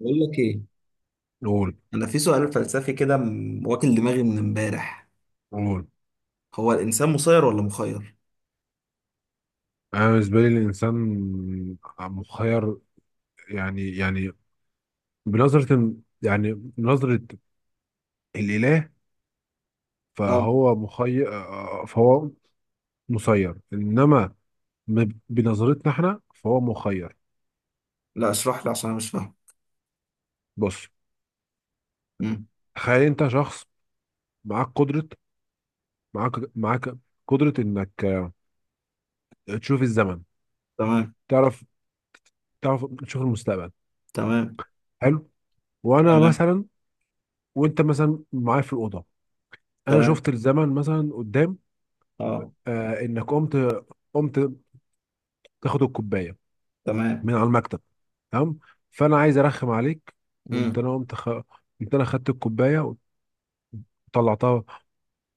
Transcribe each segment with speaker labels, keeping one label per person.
Speaker 1: بقول لك ايه.
Speaker 2: قول
Speaker 1: انا في سؤال فلسفي كده، واكل دماغي من امبارح.
Speaker 2: قول.
Speaker 1: هو الانسان مسير ولا مخير؟
Speaker 2: انا بالنسبه لي الانسان مخير. يعني بنظره، يعني نظره الاله،
Speaker 1: اه.
Speaker 2: فهو مخير. فهو مسير، انما بنظرتنا احنا فهو مخير.
Speaker 1: لا اشرح لي عشان انا مش فاهم.
Speaker 2: بص،
Speaker 1: امم
Speaker 2: تخيل انت شخص معاك قدره معاك معاك قدره انك تشوف الزمن،
Speaker 1: تمام.
Speaker 2: تعرف تعرف تشوف المستقبل.
Speaker 1: تمام.
Speaker 2: حلو. وانا
Speaker 1: تمام.
Speaker 2: مثلا وانت مثلا معايا في الاوضه، انا
Speaker 1: تمام.
Speaker 2: شفت الزمن مثلا قدام،
Speaker 1: اه.
Speaker 2: انك قمت تاخد الكوبايه
Speaker 1: تمام.
Speaker 2: من على المكتب. تمام. فانا عايز ارخم عليك، وقمت
Speaker 1: امم.
Speaker 2: انا قمت خ... قمت انا خدت الكوبايه وطلعتها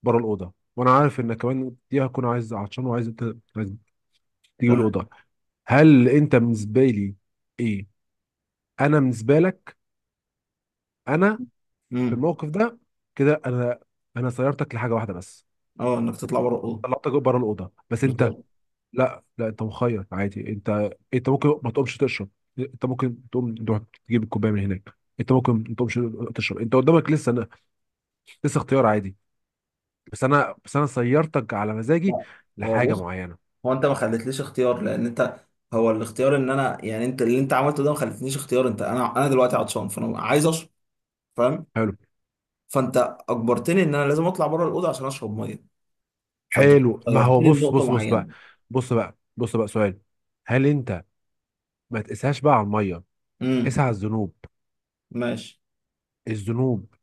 Speaker 2: بره الاوضه، وانا عارف انك كمان دي هكون عايز عطشان وعايز ت- عايز تجيب
Speaker 1: تمام.
Speaker 2: الاوضه. هل انت بالنسبه لي ايه انا بالنسبه لك، انا في
Speaker 1: امم.
Speaker 2: الموقف ده، كده انا سيرتك لحاجه واحده بس،
Speaker 1: اه، انك تطلع بره الاوضه.
Speaker 2: طلعتك بره الاوضه. بس انت
Speaker 1: بالظبط.
Speaker 2: لا، لا، انت مخير عادي. انت انت ممكن ما تقومش تشرب، انت ممكن تقوم تروح تجيب الكوبايه من هناك، انت ممكن ما تقومش تشرب. انت قدامك لسه، لسه اختيار عادي. بس انا سيرتك على مزاجي
Speaker 1: لا. هو
Speaker 2: لحاجه
Speaker 1: بص،
Speaker 2: معينه.
Speaker 1: هو انت ما خليتليش اختيار، لان انت، هو الاختيار ان انا، يعني انت اللي انت عملته ده ما خليتنيش اختيار. انت انا دلوقتي عطشان فانا عايز اشرب. فاهم؟
Speaker 2: حلو،
Speaker 1: فانت اجبرتني ان انا لازم اطلع بره الاوضه عشان اشرب ميه، فانت
Speaker 2: حلو. ما هو
Speaker 1: خيرتني
Speaker 2: بص
Speaker 1: لنقطه
Speaker 2: بص بص بقى،
Speaker 1: معينه.
Speaker 2: بص بقى، بص بقى سؤال. هل انت ما تقساش بقى على الميه،
Speaker 1: امم.
Speaker 2: قسها على الذنوب.
Speaker 1: ماشي.
Speaker 2: الذنوب،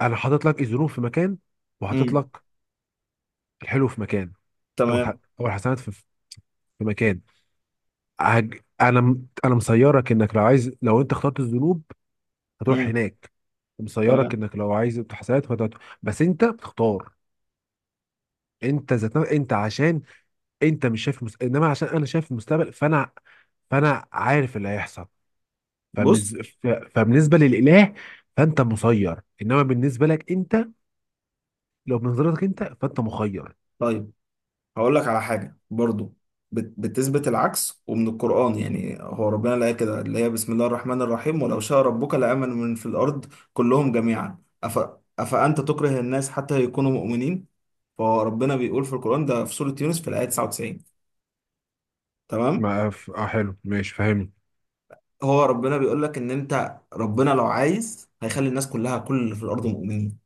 Speaker 2: انا حاطط لك الذنوب في مكان، وحاطط
Speaker 1: امم.
Speaker 2: لك الحلو في مكان،
Speaker 1: تمام.
Speaker 2: او الحسنات في مكان. انا مسيرك انك لو عايز، لو انت اخترت الذنوب هتروح
Speaker 1: امم.
Speaker 2: هناك، مسيرك
Speaker 1: تمام.
Speaker 2: انك لو عايز الحسنات فهتروح، بس انت بتختار. انت عشان انت مش شايف مس... انما عشان انا شايف المستقبل فانا عارف اللي هيحصل.
Speaker 1: بص.
Speaker 2: فبالنسبه للاله فانت مسير، انما بالنسبه لك انت، لو بنظرتك انت فانت مخير.
Speaker 1: طيب هقول لك على حاجه برضو بتثبت العكس ومن القران. يعني هو ربنا، لا كده، اللي هي بسم الله الرحمن الرحيم، ولو شاء ربك لامن من في الارض كلهم جميعا، افانت تكره الناس حتى يكونوا مؤمنين. فهو ربنا بيقول في القران ده في سوره يونس في الايه 99. تمام.
Speaker 2: ما ف... اه حلو ماشي، فاهمني.
Speaker 1: هو ربنا بيقول لك ان انت، ربنا لو عايز هيخلي الناس كلها، كل اللي في الارض، مؤمنين.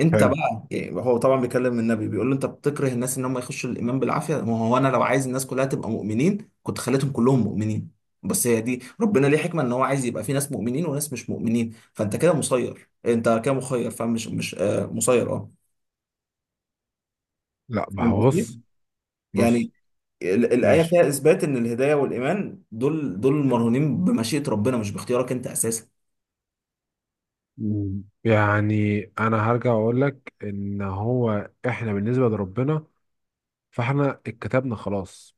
Speaker 1: انت
Speaker 2: حلو.
Speaker 1: بقى إيه، هو طبعا بيكلم النبي، بيقول له انت بتكره الناس ان هم يخشوا الايمان بالعافيه، ما هو انا لو عايز الناس كلها تبقى مؤمنين كنت خليتهم كلهم مؤمنين. بس هي دي، ربنا ليه حكمه ان هو عايز يبقى في ناس مؤمنين وناس مش مؤمنين. فانت كده مسير، انت كده مخير، فمش مش آه مسير، اه.
Speaker 2: لا، ما
Speaker 1: فاهم
Speaker 2: هو
Speaker 1: قصدي؟
Speaker 2: بص، بص.
Speaker 1: يعني الايه
Speaker 2: ماشي.
Speaker 1: فيها اثبات ان الهدايه والايمان دول مرهونين بمشيئه ربنا، مش باختيارك انت اساسا.
Speaker 2: مم. يعني انا هرجع اقول لك ان هو احنا بالنسبه لربنا فاحنا اتكتبنا، خلاص.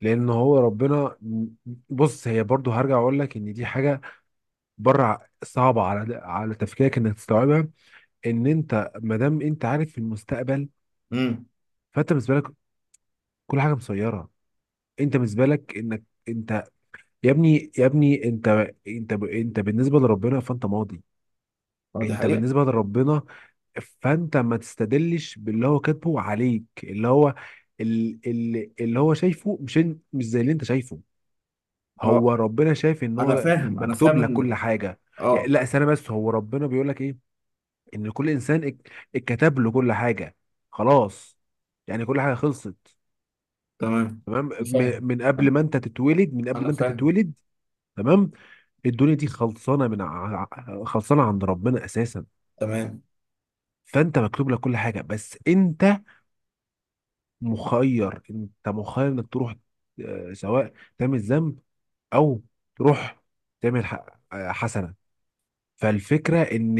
Speaker 2: لان هو ربنا، بص، هي برضو هرجع اقول لك ان دي حاجه بره صعبه على تفكيرك انك تستوعبها. ان انت ما دام انت عارف في المستقبل،
Speaker 1: امم.
Speaker 2: فانت بالنسبه لك كل حاجه مسيره. انت بالنسبه لك انك انت يا ابني، يا ابني انت، انت بالنسبه لربنا فانت ماضي.
Speaker 1: اه، دي
Speaker 2: انت
Speaker 1: حقيقه.
Speaker 2: بالنسبه لربنا فانت ما تستدلش باللي هو كاتبه عليك، اللي هو اللي هو شايفه، مش زي اللي انت شايفه.
Speaker 1: اه
Speaker 2: هو ربنا شايف ان
Speaker 1: انا
Speaker 2: هو
Speaker 1: فاهم، انا
Speaker 2: مكتوب
Speaker 1: فاهم
Speaker 2: لك كل
Speaker 1: ان،
Speaker 2: حاجه. يعني
Speaker 1: اه.
Speaker 2: لا استنى بس، هو ربنا بيقول لك ايه؟ ان كل انسان اتكتب له كل حاجه، خلاص. يعني كل حاجه خلصت.
Speaker 1: تمام.
Speaker 2: تمام،
Speaker 1: فاهم،
Speaker 2: من قبل ما انت تتولد،
Speaker 1: انا فاهم.
Speaker 2: تمام. الدنيا دي خلصانه من خلصانه عند ربنا اساسا.
Speaker 1: تمام.
Speaker 2: فانت مكتوب لك كل حاجه، بس انت مخير. انك تروح سواء تعمل ذنب، او تروح تعمل ح- حسنه. فالفكره ان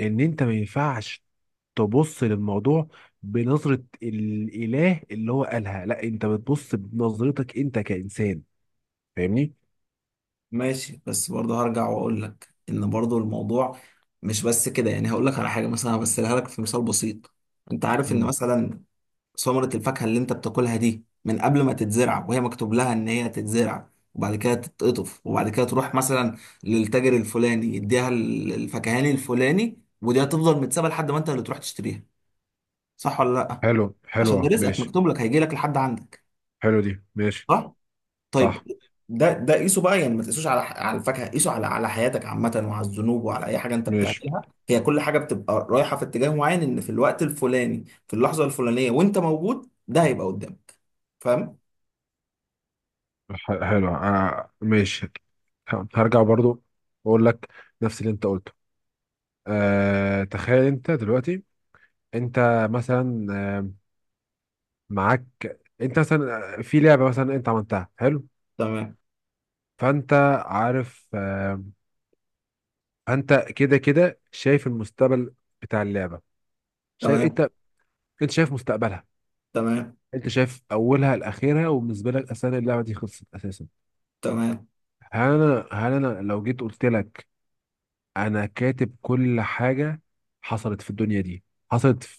Speaker 2: انت ما ينفعش تبص للموضوع بنظره الاله اللي هو قالها، لا، انت بتبص بنظرتك انت كانسان. فاهمني.
Speaker 1: ماشي. بس برضه هرجع واقول لك ان برضه الموضوع مش بس كده. يعني هقول لك على حاجه مثلا، همثلها لك في مثال بسيط. انت عارف ان
Speaker 2: مم.
Speaker 1: مثلا ثمره الفاكهه اللي انت بتاكلها دي، من قبل ما تتزرع وهي مكتوب لها ان هي تتزرع، وبعد كده تتقطف، وبعد كده تروح مثلا للتاجر الفلاني، يديها الفكهاني الفلاني، ودي هتفضل متسابه لحد ما انت اللي تروح تشتريها. صح ولا لا؟
Speaker 2: حلو.
Speaker 1: عشان ده
Speaker 2: حلوة،
Speaker 1: رزقك
Speaker 2: ماشي.
Speaker 1: مكتوب لك، هيجي لك لحد عندك.
Speaker 2: حلو دي، ماشي.
Speaker 1: صح؟
Speaker 2: صح.
Speaker 1: طيب ده قيسه بقى. يعني ما تقيسوش على الفاكهه، قيسه على حياتك عامه، وعلى الذنوب، وعلى اي حاجه انت
Speaker 2: ماشي.
Speaker 1: بتعملها. هي كل حاجه بتبقى رايحه في اتجاه معين، ان في الوقت الفلاني، في اللحظه الفلانيه وانت موجود، ده هيبقى قدامك. فاهم؟
Speaker 2: حلوة آه، ماشي. هرجع برضو أقول لك نفس اللي أنت قلته. أه، تخيل انت دلوقتي، انت مثلا آه، معاك انت مثلا في لعبة مثلا انت عملتها، حلو.
Speaker 1: تمام.
Speaker 2: فانت عارف فانت كده شايف المستقبل بتاع اللعبة. شايف
Speaker 1: تمام.
Speaker 2: انت، انت شايف مستقبلها،
Speaker 1: تمام.
Speaker 2: انت شايف اولها لاخرها، وبالنسبة لك اصلا اللعبة دي خلصت اساسا.
Speaker 1: تمام.
Speaker 2: هل انا لو جيت قلت لك انا كاتب كل حاجة حصلت في الدنيا دي، حصلت في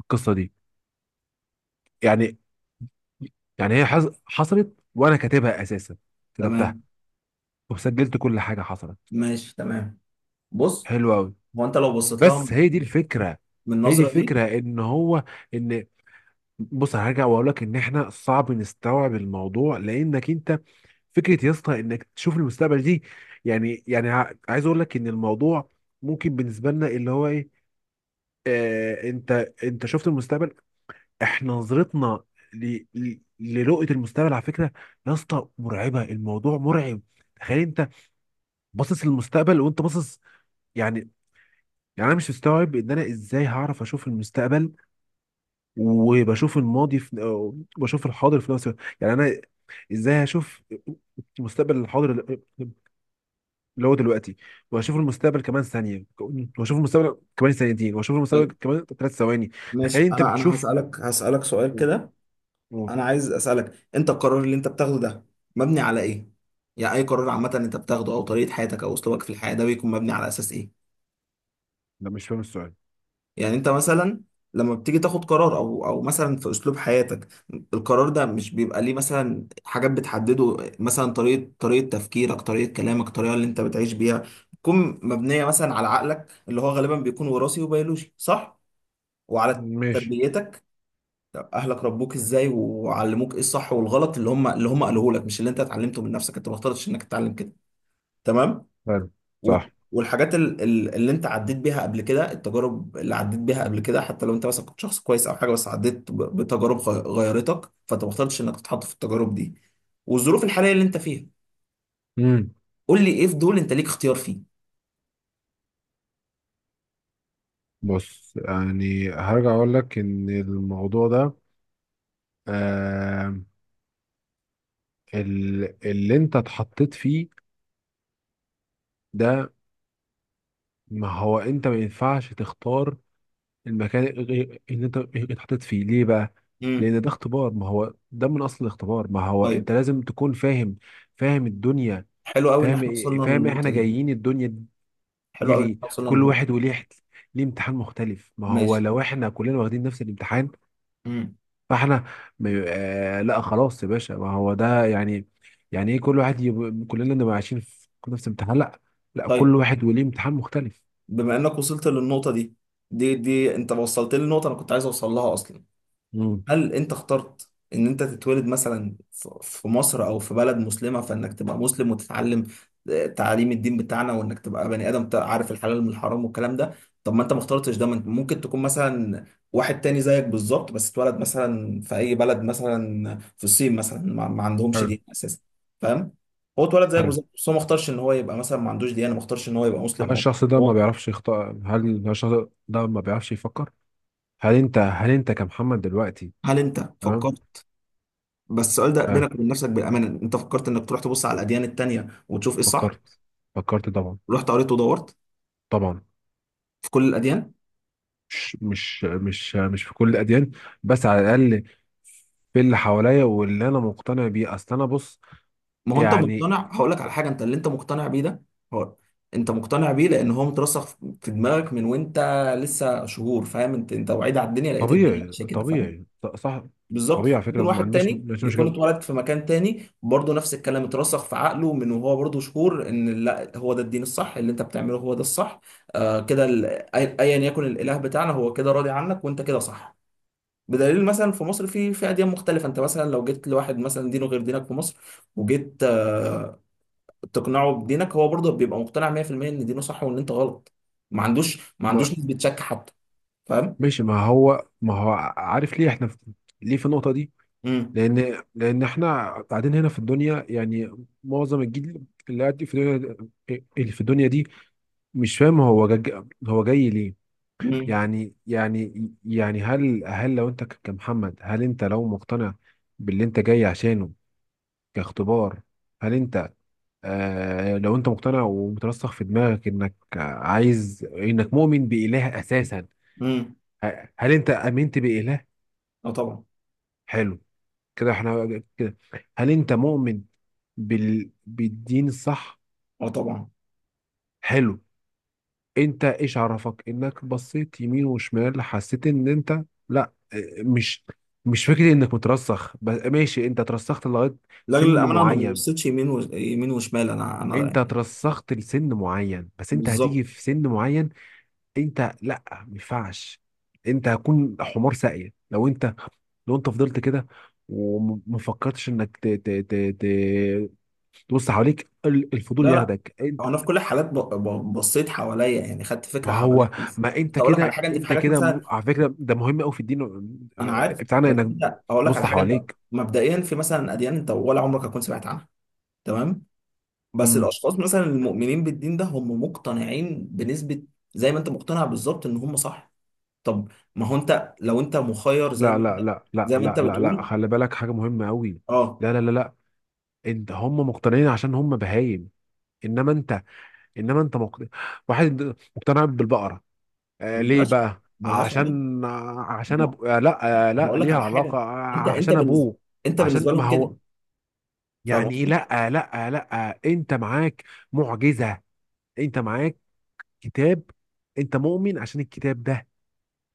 Speaker 2: القصة دي، يعني يعني هي حصلت وانا كاتبها اساسا، كتبتها
Speaker 1: تمام.
Speaker 2: وسجلت كل حاجه حصلت.
Speaker 1: ماشي. تمام. بص،
Speaker 2: حلو قوي.
Speaker 1: هو انت لو بصيت لها
Speaker 2: بس هي دي الفكره
Speaker 1: من
Speaker 2: هي دي
Speaker 1: النظره دي.
Speaker 2: الفكره ان هو، ان، بص، هرجع واقول لك ان احنا صعب نستوعب الموضوع لانك انت، فكره يا اسطى انك تشوف المستقبل دي، يعني عايز اقول لك ان الموضوع ممكن بالنسبه لنا اللي هو ايه. آه، انت، انت شفت المستقبل. احنا نظرتنا لرؤية المستقبل، على فكرة يا اسطى مرعبة، الموضوع مرعب. تخيل انت باصص للمستقبل وانت باصص، يعني يعني انا مش مستوعب ان انا ازاي هعرف اشوف المستقبل وبشوف الماضي في، أو بشوف الحاضر في نفس الوقت. يعني انا ازاي هشوف المستقبل الحاضر اللي هو دلوقتي، واشوف المستقبل كمان ثانيه، واشوف المستقبل كمان ثانيتين، واشوف المستقبل
Speaker 1: طيب
Speaker 2: كمان ثلاث ثواني.
Speaker 1: ماشي.
Speaker 2: تخيل انت
Speaker 1: انا
Speaker 2: بتشوف
Speaker 1: هسالك سؤال
Speaker 2: و-
Speaker 1: كده.
Speaker 2: و-
Speaker 1: انا عايز اسالك، انت القرار اللي انت بتاخده ده مبني على ايه؟ يعني اي قرار عامه انت بتاخده، او طريقه حياتك او اسلوبك في الحياه، ده بيكون مبني على اساس ايه؟
Speaker 2: لا، مش فاهم السؤال.
Speaker 1: يعني انت مثلا لما بتيجي تاخد قرار، او مثلا في اسلوب حياتك، القرار ده مش بيبقى ليه مثلا حاجات بتحدده؟ مثلا طريقه تفكيرك، طريقه كلامك، الطريقه اللي انت بتعيش بيها، تكون مبنيه مثلا على عقلك اللي هو غالبا بيكون وراثي وبيولوجي، صح؟ وعلى
Speaker 2: ماشي.
Speaker 1: تربيتك. طب اهلك ربوك ازاي وعلموك ايه الصح والغلط؟ اللي هم قالوه لك، مش اللي انت اتعلمته من نفسك. انت ما اخترتش انك تتعلم كده. تمام.
Speaker 2: حلو. صح.
Speaker 1: والحاجات اللي انت عديت بيها قبل كده، التجارب اللي عديت بيها قبل كده، حتى لو انت مثلا كنت شخص كويس او حاجه، بس عديت بتجارب غيرتك. فانت ما اخترتش انك تتحط في التجارب دي. والظروف الحاليه اللي انت فيها،
Speaker 2: امم.
Speaker 1: قول لي ايه في دول انت ليك اختيار فيه؟
Speaker 2: بص، يعني هرجع اقول لك ان الموضوع ده، آه، اللي انت اتحطيت فيه ده، ما هو انت ما ينفعش تختار المكان اللي انت اتحطيت فيه. ليه بقى؟
Speaker 1: امم.
Speaker 2: لان ده اختبار، ما هو ده من اصل الاختبار. ما هو
Speaker 1: طيب.
Speaker 2: انت لازم تكون فاهم، فاهم الدنيا،
Speaker 1: حلو قوي ان احنا وصلنا
Speaker 2: فاهم إيه احنا
Speaker 1: للنقطه دي.
Speaker 2: جايين الدنيا
Speaker 1: حلو
Speaker 2: دي
Speaker 1: قوي ان
Speaker 2: ليه.
Speaker 1: احنا وصلنا
Speaker 2: كل
Speaker 1: للنقطه
Speaker 2: واحد
Speaker 1: دي.
Speaker 2: وليه ليه امتحان مختلف، ما هو
Speaker 1: ماشي.
Speaker 2: لو احنا كلنا واخدين نفس الامتحان
Speaker 1: امم.
Speaker 2: فاحنا آه لا خلاص يا باشا، ما هو ده يعني، يعني ايه كل واحد كلنا نبقى عايشين في نفس امتحان، لا، لا
Speaker 1: طيب.
Speaker 2: كل واحد وليه امتحان مختلف.
Speaker 1: بما انك وصلت للنقطة دي، دي انت وصلت لي النقطة انا كنت عايز اوصل لها اصلا.
Speaker 2: امم.
Speaker 1: هل انت اخترت ان انت تتولد مثلا في مصر او في بلد مسلمة، فانك تبقى مسلم وتتعلم تعاليم الدين بتاعنا، وانك تبقى بني ادم عارف الحلال من الحرام والكلام ده؟ طب ما انت ما اخترتش ده. ما انت ممكن تكون مثلا واحد تاني زيك بالظبط، بس اتولد مثلا في اي بلد، مثلا في الصين مثلا، ما عندهمش
Speaker 2: حلو،
Speaker 1: دين اساسا. فاهم؟ هو اتولد زيك
Speaker 2: حلو.
Speaker 1: بالظبط، بس هو ما اختارش ان هو يبقى، مثلا ما عندوش ديانة، ما اختارش ان هو يبقى
Speaker 2: هل
Speaker 1: مسلم او مش.
Speaker 2: الشخص ده ما
Speaker 1: هو،
Speaker 2: بيعرفش يخطأ؟ هل الشخص ده ما بيعرفش يفكر؟ هل انت كمحمد دلوقتي.
Speaker 1: هل انت
Speaker 2: تمام.
Speaker 1: فكرت؟ بس السؤال ده
Speaker 2: آه،
Speaker 1: بينك وبين نفسك، بالامانه، انت فكرت انك تروح تبص على الاديان التانيه وتشوف ايه الصح؟
Speaker 2: فكرت، فكرت طبعا.
Speaker 1: رحت قريت ودورت
Speaker 2: طبعا.
Speaker 1: في كل الاديان؟
Speaker 2: مش في كل الاديان، بس على الاقل في اللي حواليا واللي انا مقتنع بيه. اصل انا بص
Speaker 1: ما هو انت
Speaker 2: يعني،
Speaker 1: مقتنع. هقول لك على حاجه، انت اللي انت مقتنع بيه ده، هو انت مقتنع بيه لان هو مترسخ في دماغك من وانت لسه شهور. فاهم؟ انت وعيد على الدنيا لقيت الدنيا
Speaker 2: طبيعي،
Speaker 1: ماشيه كده. فاهم؟
Speaker 2: طبيعي صح. طبيعي
Speaker 1: بالظبط.
Speaker 2: على
Speaker 1: ممكن
Speaker 2: فكره، ما
Speaker 1: واحد
Speaker 2: عنديش، ما
Speaker 1: تاني
Speaker 2: عنديش
Speaker 1: يكون
Speaker 2: مشكله.
Speaker 1: اتولد في مكان تاني برضه، نفس الكلام اترسخ في عقله من وهو برضه شهور ان لا هو ده الدين الصح. اللي انت بتعمله هو ده الصح. آه كده، ايا يكن الاله بتاعنا، هو كده راضي عنك وانت كده صح. بدليل، مثلا في مصر، في اديان مختلفه. انت مثلا لو جيت لواحد مثلا دينه غير دينك في مصر، وجيت تقنعه بدينك، هو برضه بيبقى مقتنع 100% ان دينه صح وان انت غلط. ما عندوش، ما
Speaker 2: ما،
Speaker 1: عندوش نسبه شك حتى. فاهم؟
Speaker 2: ماشي. ما هو، ما هو عارف ليه احنا ليه في النقطه دي؟
Speaker 1: امم.
Speaker 2: لان، لان احنا قاعدين هنا في الدنيا يعني، معظم الجيل اللي قاعد في الدنيا، اللي في الدنيا دي، مش فاهم هو هو جاي ليه.
Speaker 1: امم.
Speaker 2: يعني يعني يعني هل لو انت كمحمد، هل انت لو مقتنع باللي انت جاي عشانه كاختبار، هل انت، آه لو انت مقتنع ومترسخ في دماغك انك عايز، انك مؤمن بإله اساسا،
Speaker 1: امم.
Speaker 2: هل انت امنت بإله؟
Speaker 1: اه، طبعا.
Speaker 2: حلو. كده احنا كده، هل انت مؤمن بالدين الصح؟
Speaker 1: اه، طبعا.
Speaker 2: حلو. انت ايش عرفك انك بصيت يمين وشمال حسيت ان انت، لا مش، مش فكرة انك مترسخ بس، ماشي انت ترسخت لغاية
Speaker 1: لاجل
Speaker 2: سن
Speaker 1: الامانه، انا ما
Speaker 2: معين.
Speaker 1: بصيتش يمين، يمين وشمال. انا
Speaker 2: انت ترسخت لسن معين بس انت
Speaker 1: بالظبط.
Speaker 2: هتيجي في سن معين. انت لا، ما ينفعش، انت هتكون حمار ساقية لو انت، لو انت فضلت كده وما فكرتش انك ت... تبص حواليك،
Speaker 1: لا،
Speaker 2: الفضول
Speaker 1: لا.
Speaker 2: ياخدك انت.
Speaker 1: هو انا في كل الحالات بصيت حواليا، يعني خدت فكره
Speaker 2: ما
Speaker 1: حواليا
Speaker 2: هو،
Speaker 1: بس.
Speaker 2: ما انت
Speaker 1: اقول لك على
Speaker 2: كده،
Speaker 1: حاجه، انت في
Speaker 2: انت
Speaker 1: حاجات
Speaker 2: كده
Speaker 1: مثلا.
Speaker 2: على فكرة ده مهم قوي في الدين
Speaker 1: انا عارف،
Speaker 2: بتاعنا
Speaker 1: بس
Speaker 2: انك
Speaker 1: انت اقول لك على
Speaker 2: تبص
Speaker 1: حاجه. انت
Speaker 2: حواليك.
Speaker 1: مبدئيا في مثلا اديان انت ولا عمرك هتكون سمعت عنها. تمام. بس
Speaker 2: مم.
Speaker 1: الاشخاص مثلا المؤمنين بالدين ده هم مقتنعين بنسبه زي ما انت مقتنع بالظبط ان هم صح. طب ما هو انت لو انت مخير، زي
Speaker 2: لا،
Speaker 1: ما انت،
Speaker 2: لا، لا، لا،
Speaker 1: زي ما
Speaker 2: لا،
Speaker 1: انت
Speaker 2: لا، لا،
Speaker 1: بتقول.
Speaker 2: خلي بالك حاجة مهمة قوي.
Speaker 1: اه.
Speaker 2: لا، لا، لا، لا، انت هم مقتنعين عشان هم بهايم. انما انت، انما انت مقتنع. واحد مقتنع بالبقرة آه ليه
Speaker 1: ملهاش
Speaker 2: بقى؟
Speaker 1: ملهاش علاقه.
Speaker 2: عشان، آه لا، آه لا
Speaker 1: هقول لك
Speaker 2: ليها
Speaker 1: على
Speaker 2: علاقة
Speaker 1: حاجه،
Speaker 2: آه،
Speaker 1: انت انت
Speaker 2: عشان
Speaker 1: بالنسبه
Speaker 2: ابوه.
Speaker 1: انت
Speaker 2: عشان
Speaker 1: بالنسبه
Speaker 2: ما
Speaker 1: لهم كده.
Speaker 2: هو
Speaker 1: فاهم
Speaker 2: يعني ايه،
Speaker 1: قصدي؟
Speaker 2: لا لا لا انت معاك معجزة، انت معاك كتاب، انت مؤمن عشان الكتاب ده.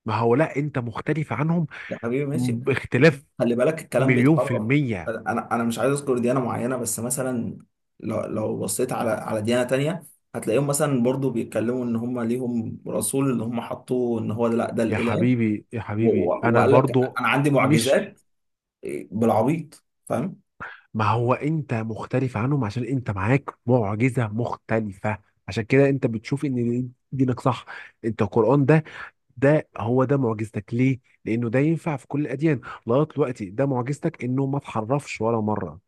Speaker 2: ما هو لا، انت مختلف عنهم
Speaker 1: يا حبيبي ماشي،
Speaker 2: باختلاف
Speaker 1: خلي بالك الكلام
Speaker 2: مليون في
Speaker 1: بيتحرر.
Speaker 2: المية.
Speaker 1: انا مش عايز اذكر ديانه معينه، بس مثلا، لو بصيت على ديانه تانية، هتلاقيهم مثلا برضو بيتكلموا ان هم ليهم رسول اللي هم حطوه ان هو ده، لا ده
Speaker 2: يا
Speaker 1: الاله،
Speaker 2: حبيبي، يا حبيبي انا
Speaker 1: وقال لك
Speaker 2: برضو
Speaker 1: انا عندي
Speaker 2: مش،
Speaker 1: معجزات، بالعبيط، فاهم؟
Speaker 2: ما هو انت مختلف عنهم عشان انت معاك معجزة مختلفة، عشان كده انت بتشوف ان دينك صح. انت القرآن ده، ده هو ده معجزتك ليه؟ لأنه ده ينفع في كل الأديان لغاية دلوقتي. ده معجزتك إنه ما اتحرفش ولا مرة.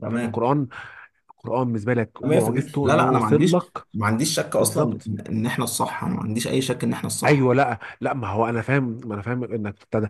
Speaker 1: تمام.
Speaker 2: القرآن القرآن بالنسبة لك
Speaker 1: 100%،
Speaker 2: معجزته
Speaker 1: لا،
Speaker 2: إنه
Speaker 1: لا، انا ما
Speaker 2: وصل
Speaker 1: عنديش،
Speaker 2: لك.
Speaker 1: ما عنديش شك اصلا
Speaker 2: بالظبط.
Speaker 1: ان إن احنا الصح. انا ما عنديش اي شك ان احنا الصح.
Speaker 2: أيوه. لا، لا، ما هو أنا فاهم، ما أنا فاهم إنك ابتدى،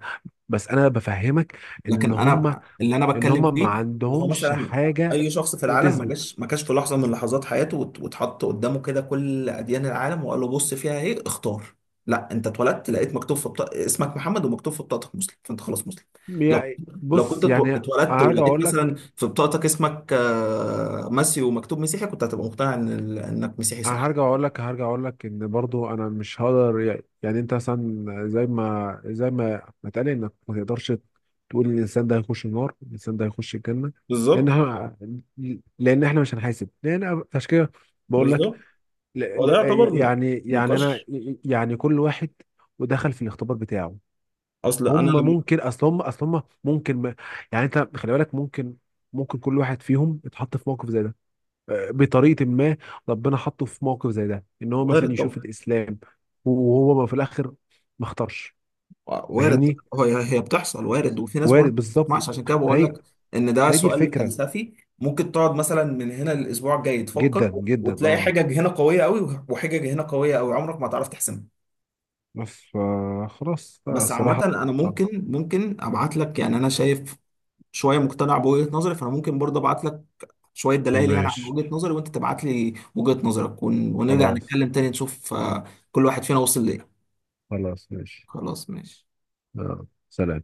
Speaker 2: بس أنا بفهمك إن
Speaker 1: لكن
Speaker 2: هم،
Speaker 1: انا اللي انا
Speaker 2: إن
Speaker 1: بتكلم
Speaker 2: هم ما
Speaker 1: فيه ان هو
Speaker 2: عندهمش
Speaker 1: مثلا،
Speaker 2: حاجة
Speaker 1: اي شخص في العالم ما
Speaker 2: تثبت.
Speaker 1: جاش، ما كانش في لحظه من لحظات حياته واتحط قدامه كده كل اديان العالم وقال له بص فيها ايه اختار. لا، انت اتولدت لقيت مكتوب في بطاقة اسمك محمد ومكتوب في بطاقتك مسلم، فانت خلاص مسلم. لو
Speaker 2: يعني
Speaker 1: كنت
Speaker 2: بص، يعني أنا
Speaker 1: اتولدت
Speaker 2: هرجع
Speaker 1: ولقيت
Speaker 2: أقول
Speaker 1: مثلا
Speaker 2: لك،
Speaker 1: في بطاقتك اسمك ماسيو ومكتوب مسيحي، كنت هتبقى مقتنع ان انك مسيحي،
Speaker 2: انا
Speaker 1: صح؟
Speaker 2: هرجع اقول لك هرجع اقول لك ان برضو انا مش هقدر. يعني انت مثلا زي ما ما اتقال انك ما تقدرش تقول ان الانسان ده هيخش النار، الانسان ده هيخش الجنه، لان
Speaker 1: بالظبط،
Speaker 2: ه- لان احنا مش هنحاسب، لان عشان كده بقول لك.
Speaker 1: بالظبط.
Speaker 2: ل-
Speaker 1: هو
Speaker 2: ل-
Speaker 1: ده يعتبر
Speaker 2: يعني انا،
Speaker 1: نقاش.
Speaker 2: يعني كل واحد ودخل في الاختبار بتاعه.
Speaker 1: اصل انا
Speaker 2: هم
Speaker 1: لما.
Speaker 2: ممكن، اصل هم اصل هم ممكن ما، يعني انت خلي بالك، ممكن كل واحد فيهم اتحط في موقف زي ده، بطريقه ما ربنا حطه في موقف زي ده ان هو مثلا
Speaker 1: وارد
Speaker 2: يشوف
Speaker 1: طبعا.
Speaker 2: الاسلام، وهو ما في الاخر ما اختارش.
Speaker 1: وارد.
Speaker 2: فاهمني.
Speaker 1: هي هي بتحصل، وارد. وفي ناس برضه
Speaker 2: وارد
Speaker 1: ما
Speaker 2: بالظبط.
Speaker 1: بتسمعش، عشان كده بقول
Speaker 2: فهي
Speaker 1: لك ان ده
Speaker 2: فهي دي
Speaker 1: سؤال
Speaker 2: الفكره.
Speaker 1: فلسفي، ممكن تقعد مثلا من هنا للاسبوع الجاي تفكر،
Speaker 2: جدا جدا،
Speaker 1: وتلاقي
Speaker 2: اه.
Speaker 1: حجج هنا قويه قوي، وحجج هنا قويه قوي، عمرك ما هتعرف تحسمها.
Speaker 2: بس فا خلاص بقى
Speaker 1: بس عامه
Speaker 2: الصراحه.
Speaker 1: انا
Speaker 2: آه.
Speaker 1: ممكن، ابعت لك. يعني انا شايف شويه مقتنع بوجهه نظري، فانا ممكن برضه ابعت لك شويه دلائل، يعني عن
Speaker 2: ماشي.
Speaker 1: وجهه نظري، وانت تبعت لي وجهه نظرك، ونرجع
Speaker 2: خلاص.
Speaker 1: نتكلم تاني نشوف كل واحد فينا وصل لايه.
Speaker 2: خلاص، ماشي.
Speaker 1: خلاص ماشي.
Speaker 2: آه. سلام.